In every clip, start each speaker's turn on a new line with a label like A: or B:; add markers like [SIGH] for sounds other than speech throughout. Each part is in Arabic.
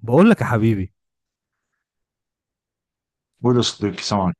A: بقول لك يا حبيبي.
B: بولو صديقي سامعك.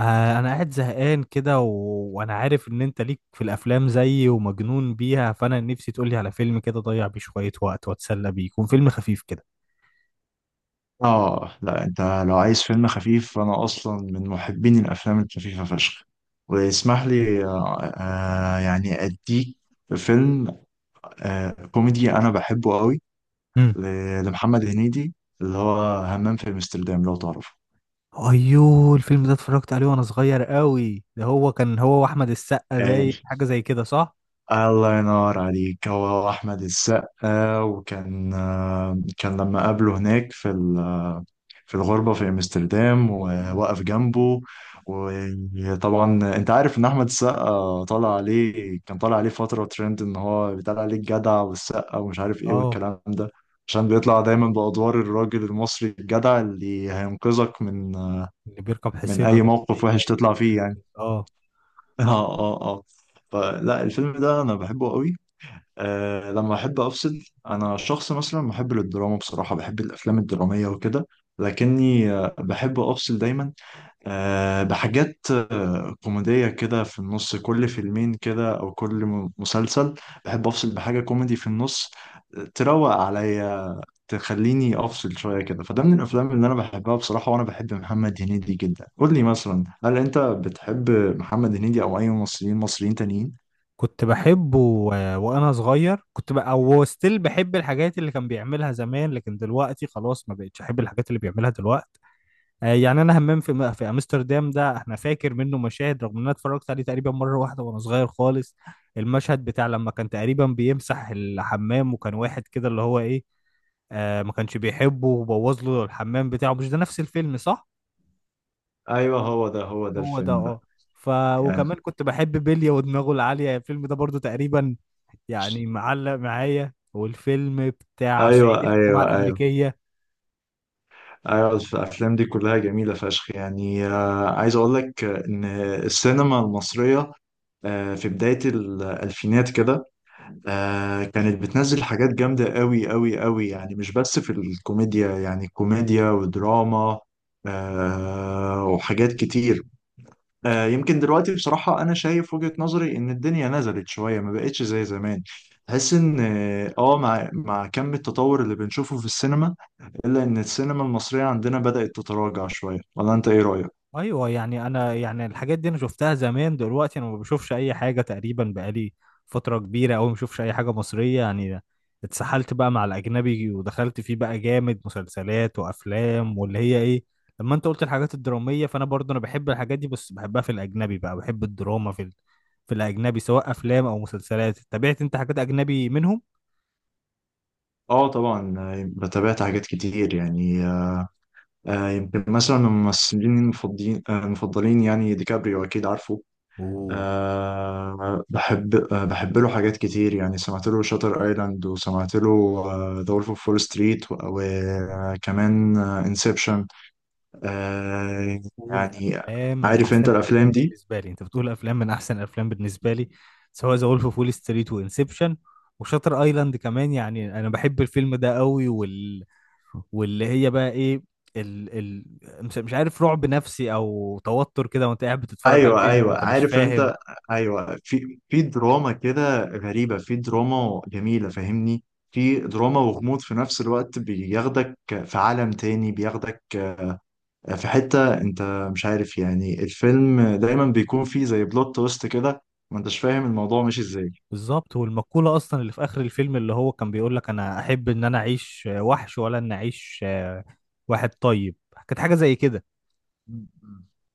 A: آه، انا قاعد زهقان كده وانا عارف ان انت ليك في الافلام زيي ومجنون بيها، فانا نفسي تقولي على فيلم كده ضيع بيه شوية وقت واتسلى بيه، يكون فيلم خفيف كده.
B: اه لا، انت لو عايز فيلم خفيف فانا اصلا من محبين الافلام الخفيفه فشخ. واسمح لي، يعني اديك فيلم كوميدي انا بحبه قوي
A: امم.
B: لمحمد هنيدي، اللي هو همام في امستردام لو تعرفه.
A: ايوه، الفيلم ده اتفرجت عليه وانا صغير قوي، ده هو كان هو واحمد السقا
B: قال
A: باين، حاجة زي كده صح؟
B: الله ينور عليك، هو احمد السقا، وكان كان لما قابله هناك في في الغربة في أمستردام
A: مم.
B: وواقف جنبه. وطبعا أنت عارف إن أحمد السقا طالع عليه، كان طالع عليه فترة ترند إن هو بيطلع عليه الجدع والسقا ومش عارف إيه
A: اه.
B: والكلام ده، عشان بيطلع دايما بأدوار الراجل المصري الجدع اللي هينقذك من
A: اللي بيركب
B: من
A: حصينة
B: أي
A: ده.
B: موقف
A: ايه
B: وحش
A: جاي
B: تطلع
A: مش
B: فيه
A: عارف
B: يعني.
A: إيه. اه.
B: [LAUGHS] آه آه آه فلا الفيلم ده أنا بحبه قوي. لما أحب أفصل، أنا شخص مثلا محب للدراما بصراحة، بحب الأفلام الدرامية وكده، لكني بحب افصل دايما بحاجات كوميدية كده في النص، كل فيلمين كده أو كل مسلسل بحب أفصل بحاجة كوميدي في النص تروق عليا، تخليني أفصل شوية كده. فده من الأفلام اللي أنا بحبها بصراحة، وأنا بحب محمد هنيدي جدا. قول لي مثلا، هل أنت بتحب محمد هنيدي أو أي ممثلين مصريين تانيين؟
A: كنت بحبه وانا صغير كنت بقى او ستيل بحب الحاجات اللي كان بيعملها زمان، لكن دلوقتي خلاص ما بقتش احب الحاجات اللي بيعملها دلوقتي. يعني انا همام في في امستردام ده احنا فاكر منه مشاهد، رغم ان انا اتفرجت عليه تقريبا مره واحده وانا صغير خالص. المشهد بتاع لما كان تقريبا بيمسح الحمام وكان واحد كده اللي هو ايه، ما كانش بيحبه وبوظ له الحمام بتاعه. مش ده نفس الفيلم صح؟
B: أيوه، هو ده هو ده
A: هو ده
B: الفيلم ده
A: اه. ف
B: يعني.
A: وكمان كنت بحب بيليا ودماغه العاليه، الفيلم ده برضو تقريبا يعني معلق معايا. والفيلم بتاع
B: ايوه،
A: صعيدي في الجامعه
B: ايوه، ايوه.
A: الامريكيه.
B: ايوه الافلام دي كلها جميله فشخ يعني. عايز اقول لك ان السينما المصريه في بداية الألفينات كده كانت بتنزل حاجات جامدة قوي قوي قوي، يعني مش بس في الكوميديا، يعني كوميديا ودراما وحاجات كتير. يمكن دلوقتي بصراحة أنا شايف وجهة نظري إن الدنيا نزلت شوية، ما بقتش زي زمان. تحس إن مع كم التطور اللي بنشوفه في السينما، إلا إن السينما المصرية عندنا بدأت تتراجع شوية. ولا أنت إيه رأيك؟
A: ايوه، يعني انا يعني الحاجات دي انا شفتها زمان، دلوقتي انا ما بشوفش اي حاجه تقريبا، بقالي فتره كبيره قوي ما بشوفش اي حاجه مصريه يعني. اتسحلت بقى مع الاجنبي، ودخلت فيه بقى جامد، مسلسلات وافلام واللي هي ايه. لما انت قلت الحاجات الدراميه، فانا برضه انا بحب الحاجات دي، بس بحبها في الاجنبي، بقى بحب الدراما في في الاجنبي، سواء افلام او مسلسلات. تابعت انت حاجات اجنبي منهم؟
B: آه طبعا، بتابعت حاجات كتير يعني. يمكن مثلا من الممثلين المفضلين يعني ديكابريو أكيد عارفه.
A: اوه.
B: بحب، له حاجات كتير يعني. سمعت له شاتر ايلاند، وسمعت له ذا وولف اوف فول ستريت، وكمان انسبشن. أه.
A: بتقول
B: يعني
A: افلام من
B: عارف
A: احسن
B: انت
A: الافلام
B: الافلام دي.
A: بالنسبه لي، انت بتقول افلام من احسن الافلام بالنسبه لي، سواء ذا وولف اوف وول ستريت وانسبشن وشاتر ايلاند كمان. يعني انا بحب الفيلم ده قوي، واللي هي بقى ايه، مش عارف، رعب نفسي او توتر كده، وانت قاعد بتتفرج على
B: ايوه،
A: الفيلم
B: ايوه،
A: وانت مش
B: عارف
A: فاهم.
B: انت. ايوه، في في دراما كده غريبه، في دراما جميله فاهمني، في دراما وغموض في نفس الوقت، بياخدك في عالم تاني، بياخدك في حتة انت مش عارف يعني، الفيلم دايما بيكون فيه زي بلوت تويست كده، ما انتش فاهم الموضوع ماشي ازاي.
A: بالظبط. والمقوله اصلا اللي في اخر الفيلم اللي هو كان بيقول لك: انا احب ان انا اعيش وحش، ولا ان اعيش واحد طيب. كانت حاجه زي كده.
B: مم.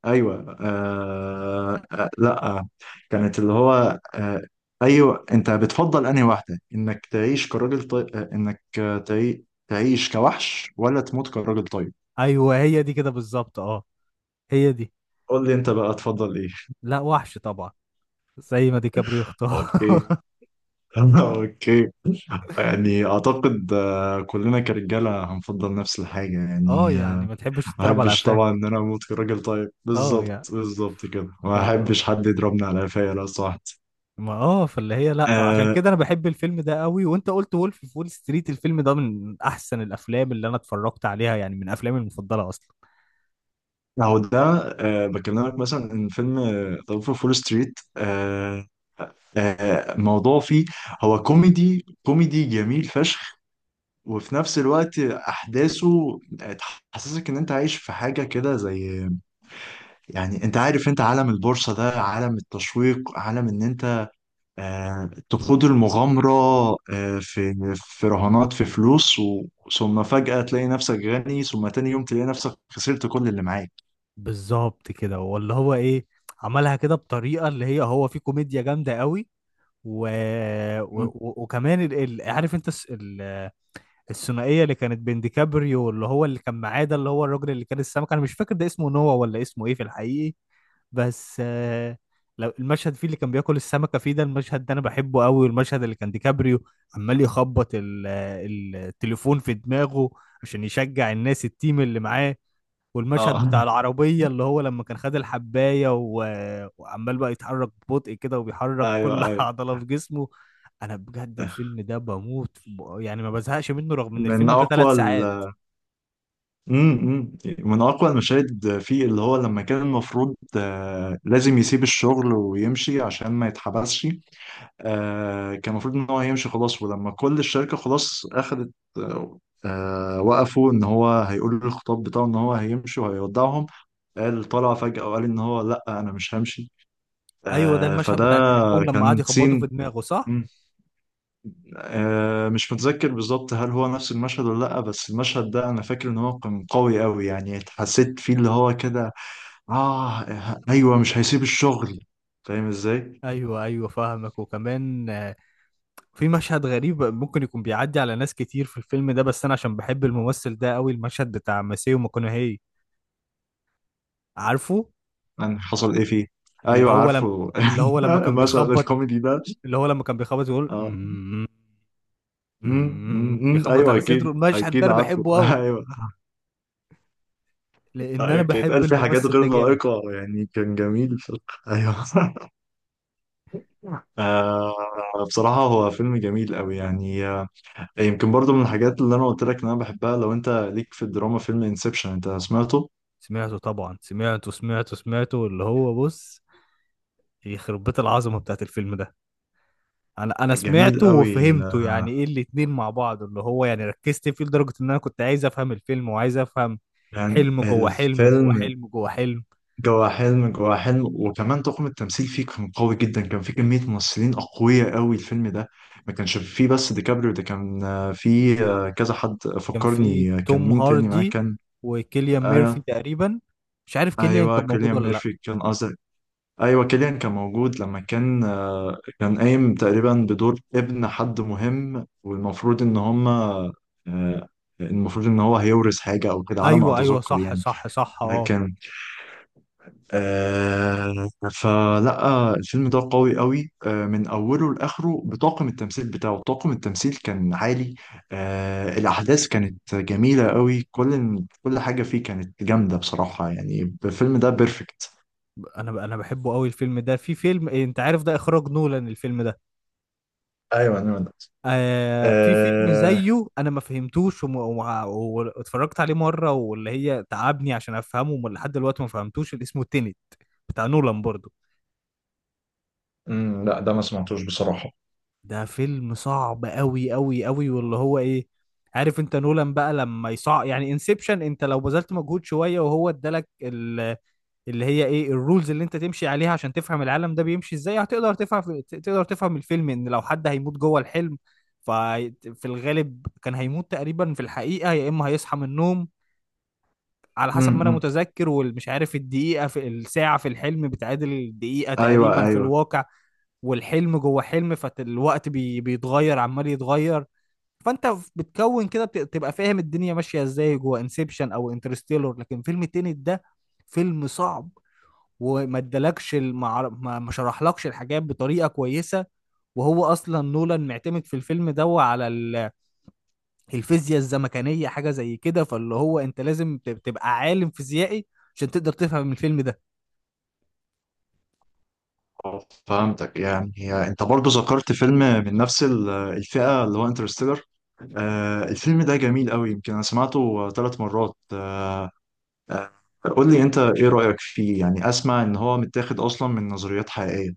B: ايوه لا، كانت اللي هو ايوه، انت بتفضل انهي واحدة، انك تعيش كراجل طيب انك تعيش كوحش ولا تموت كراجل طيب.
A: ايوه، هي دي كده بالظبط اه. هي دي.
B: قول لي انت بقى تفضل ايه.
A: لا، وحش طبعا. زي ما ديكابريو اختار.
B: اوكي.
A: [LAUGHS]
B: [LAUGHS] اوكي. يعني اعتقد كلنا كرجالة هنفضل نفس الحاجة
A: اه
B: يعني.
A: يعني ما تحبش
B: ما
A: تضرب على
B: احبش طبعا
A: قفاك.
B: ان انا اموت كراجل طيب،
A: اه
B: بالظبط،
A: يعني.
B: بالظبط كده، ما
A: فالله
B: احبش حد يضربني على قفايا لو سمحت.
A: ما فاللي هي لا، عشان
B: آه.
A: كده انا بحب الفيلم ده قوي، وانت قلت وولف في وول ستريت. الفيلم ده من احسن الافلام اللي انا اتفرجت عليها، يعني من افلامي المفضله اصلا.
B: اهو ده. بكلمك مثلا ان فيلم ظرف فول ستريت، موضوع فيه، هو كوميدي كوميدي جميل فشخ، وفي نفس الوقت احداثه تحسسك ان انت عايش في حاجه كده، زي يعني، انت عارف، انت عالم البورصه ده عالم التشويق، عالم ان انت تخوض المغامرة في في رهانات، في فلوس، و... ثم فجأة تلاقي نفسك غني، ثم تاني يوم تلاقي نفسك خسرت كل اللي معاك.
A: بالظبط كده واللي هو ايه، عملها كده بطريقه اللي هي هو في كوميديا جامده قوي. و...
B: مم.
A: وكمان عارف انت الثنائيه اللي كانت بين ديكابريو، اللي هو اللي كان معاه ده، اللي هو الراجل اللي كان السمك، انا مش فاكر ده اسمه نوا ولا اسمه ايه في الحقيقي. بس لو المشهد فيه اللي كان بياكل السمكه فيه، ده المشهد ده انا بحبه قوي. والمشهد اللي كان ديكابريو عمال يخبط التليفون في دماغه عشان يشجع الناس، التيم اللي معاه.
B: اه.
A: والمشهد
B: [LAUGHS]
A: بتاع العربية اللي هو لما كان خد الحباية وعمال بقى يتحرك ببطء كده، وبيحرك
B: ايوه،
A: كل [LAUGHS]
B: ايوه،
A: عضلة في جسمه. أنا بجد الفيلم ده بموت يعني ما بزهقش منه، رغم إن
B: من
A: الفيلم ده
B: اقوى
A: ثلاث
B: ال...
A: ساعات
B: مم، من اقوى المشاهد فيه، اللي هو لما كان المفروض لازم يسيب الشغل ويمشي عشان ما يتحبسش. كان المفروض ان هو هيمشي خلاص، ولما كل الشركه خلاص اخذت آه وقفوا ان هو هيقول الخطاب بتاعه ان هو هيمشي وهيودعهم. قال طلع فجاه وقال ان هو لا، انا مش همشي.
A: أيوه، ده المشهد
B: فده
A: بتاع التليفون لما قعد
B: كان
A: يخبطه
B: سين.
A: في دماغه صح؟
B: مم. مش متذكر بالظبط هل هو نفس المشهد ولا لا، بس المشهد ده انا فاكر ان هو كان قوي قوي يعني، حسيت فيه اللي هو كده. اه، ايوه، مش هيسيب الشغل، فاهم ازاي.
A: أيوه أيوه فاهمك. وكمان في مشهد غريب ممكن يكون بيعدي على ناس كتير في الفيلم ده، بس أنا عشان بحب الممثل ده قوي، المشهد بتاع ماسيو ماكونهي. عارفه؟
B: يعني حصل ايه فيه؟
A: اللي
B: ايوه
A: هو لما
B: عارفه.
A: اللي هو
B: [LAUGHS]
A: لما كان
B: المشهد
A: بيخبط
B: الكوميدي ده.
A: اللي هو لما كان بيخبط يقول:
B: اه.
A: "أمم،
B: أمم،
A: أمم"،
B: أمم، أمم،
A: بيخبط
B: ايوه،
A: على صدره.
B: اكيد
A: المشهد ده
B: اكيد
A: انا
B: عارفه.
A: بحبه قوي
B: [LAUGHS] ايوه.
A: لان انا
B: أيوة، كان
A: بحب
B: يتقال فيه حاجات
A: الممثل
B: غير
A: ده جامد.
B: لائقه يعني، كان جميل ف... ايوه. [LAUGHS] آه بصراحه هو فيلم جميل قوي يعني. يمكن برضو من الحاجات اللي انا قلت لك ان انا بحبها. لو انت ليك في الدراما، فيلم انسبشن انت سمعته؟
A: سمعته طبعا، سمعته سمعته سمعته اللي هو بص، يخرب بيت العظمه بتاعت الفيلم ده. انا
B: جميل
A: سمعته
B: قوي
A: وفهمته، يعني ايه الاتنين مع بعض، اللي هو يعني ركزت فيه لدرجه ان انا كنت عايز افهم الفيلم وعايز افهم.
B: يعني
A: حلم جوه حلم جوه
B: الفيلم،
A: حلم جوه حلم.
B: جوا حلم جوا حلم. وكمان طاقم التمثيل فيه كان قوي جدا، كان فيه كمية ممثلين أقوياء قوي الفيلم ده، ما كانش فيه بس ديكابريو ده، كان فيه كذا حد.
A: كان في
B: فكرني كان
A: توم
B: مين تاني معاه،
A: هاردي
B: كان
A: وكيليان ميرفي
B: آه،
A: تقريبا. مش عارف كيليان
B: أيوه
A: كان موجود
B: كيليان
A: ولا لا.
B: ميرفي كان قصدي. أيوه كيليان كان موجود، لما كان كان قايم تقريبا بدور ابن حد مهم، والمفروض إن هما آه، المفروض إن هو هيورث حاجة أو كده على ما
A: ايوه ايوه
B: أتذكر
A: صح
B: يعني.
A: صح صح اه.
B: لكن فلا الفيلم ده قوي قوي من اوله لاخره بطاقم التمثيل بتاعه، طاقم التمثيل كان عالي. الاحداث كانت جميله قوي، كل حاجه فيه كانت جامده بصراحه يعني. الفيلم ده بيرفكت.
A: انا بحبه قوي الفيلم ده. في فيلم إيه، انت عارف ده اخراج نولان الفيلم ده.
B: ايوه، ايوه، ده
A: في فيلم
B: آه
A: زيه انا ما فهمتوش واتفرجت عليه مره، واللي هي تعبني عشان افهمه، لحد دلوقتي ما فهمتوش، اللي اسمه تينت بتاع نولان برضو.
B: أمم، لا، ده ما سمعتوش بصراحه.
A: ده فيلم صعب قوي قوي قوي، واللي هو ايه، عارف انت نولان بقى لما يصع يعني. انسبشن انت لو بذلت مجهود شويه، وهو ادالك اللي هي ايه الرولز اللي انت تمشي عليها عشان تفهم العالم ده بيمشي ازاي، هتقدر تفهم. تقدر تفهم الفيلم ان لو حد هيموت جوه الحلم، ففي الغالب كان هيموت تقريبا في الحقيقة، يا اما هيصحى من النوم على حسب ما انا
B: امم
A: متذكر. والمش عارف، الدقيقة في الساعة في الحلم بتعادل الدقيقة
B: ايوه،
A: تقريبا في
B: ايوه،
A: الواقع، والحلم جوه حلم، فالوقت بيتغير عمال يتغير. فانت بتكون كده تبقى فاهم الدنيا ماشية ازاي جوه انسبشن او انترستيلر. لكن فيلم التاني ده فيلم صعب، وما ادالكش ما شرحلكش الحاجات بطريقه كويسه. وهو اصلا نولان معتمد في الفيلم ده على الفيزياء الزمكانيه، حاجه زي كده، فاللي هو انت لازم تبقى عالم فيزيائي عشان تقدر تفهم الفيلم ده.
B: فهمتك يعني. انت برضو ذكرت فيلم من نفس الفئه، اللي هو انترستيلر. الفيلم ده جميل قوي، يمكن انا سمعته ثلاث مرات. قول لي انت ايه رأيك فيه يعني. اسمع ان هو متاخد اصلا من نظريات حقيقية.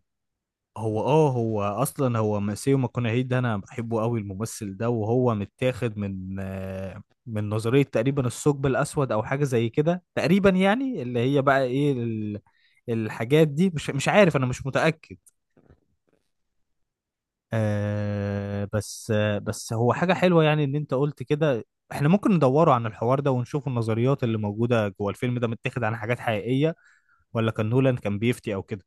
A: هو اه، هو اصلا هو ماسيو ماكونهي ده انا بحبه قوي الممثل ده. وهو متاخد من من نظريه تقريبا الثقب الاسود او حاجه زي كده تقريبا، يعني اللي هي بقى ايه الحاجات دي مش عارف، انا مش متاكد. بس هو حاجة حلوة يعني اللي انت قلت كده. احنا ممكن ندوره عن الحوار ده ونشوف النظريات اللي موجودة جوه الفيلم ده، متاخد عن حاجات حقيقية ولا كان نولان كان بيفتي او كده.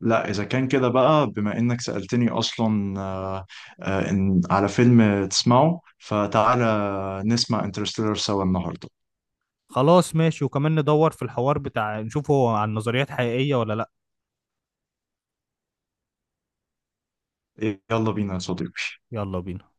B: لا اذا كان كده بقى، بما انك سألتني اصلا، إن على فيلم تسمعه فتعالى نسمع انترستيلر سوا النهاردة.
A: خلاص ماشي، وكمان ندور في الحوار بتاع نشوف هو عن نظريات حقيقية ولا لا.
B: يلا بينا يا صديقي.
A: يلا بينا.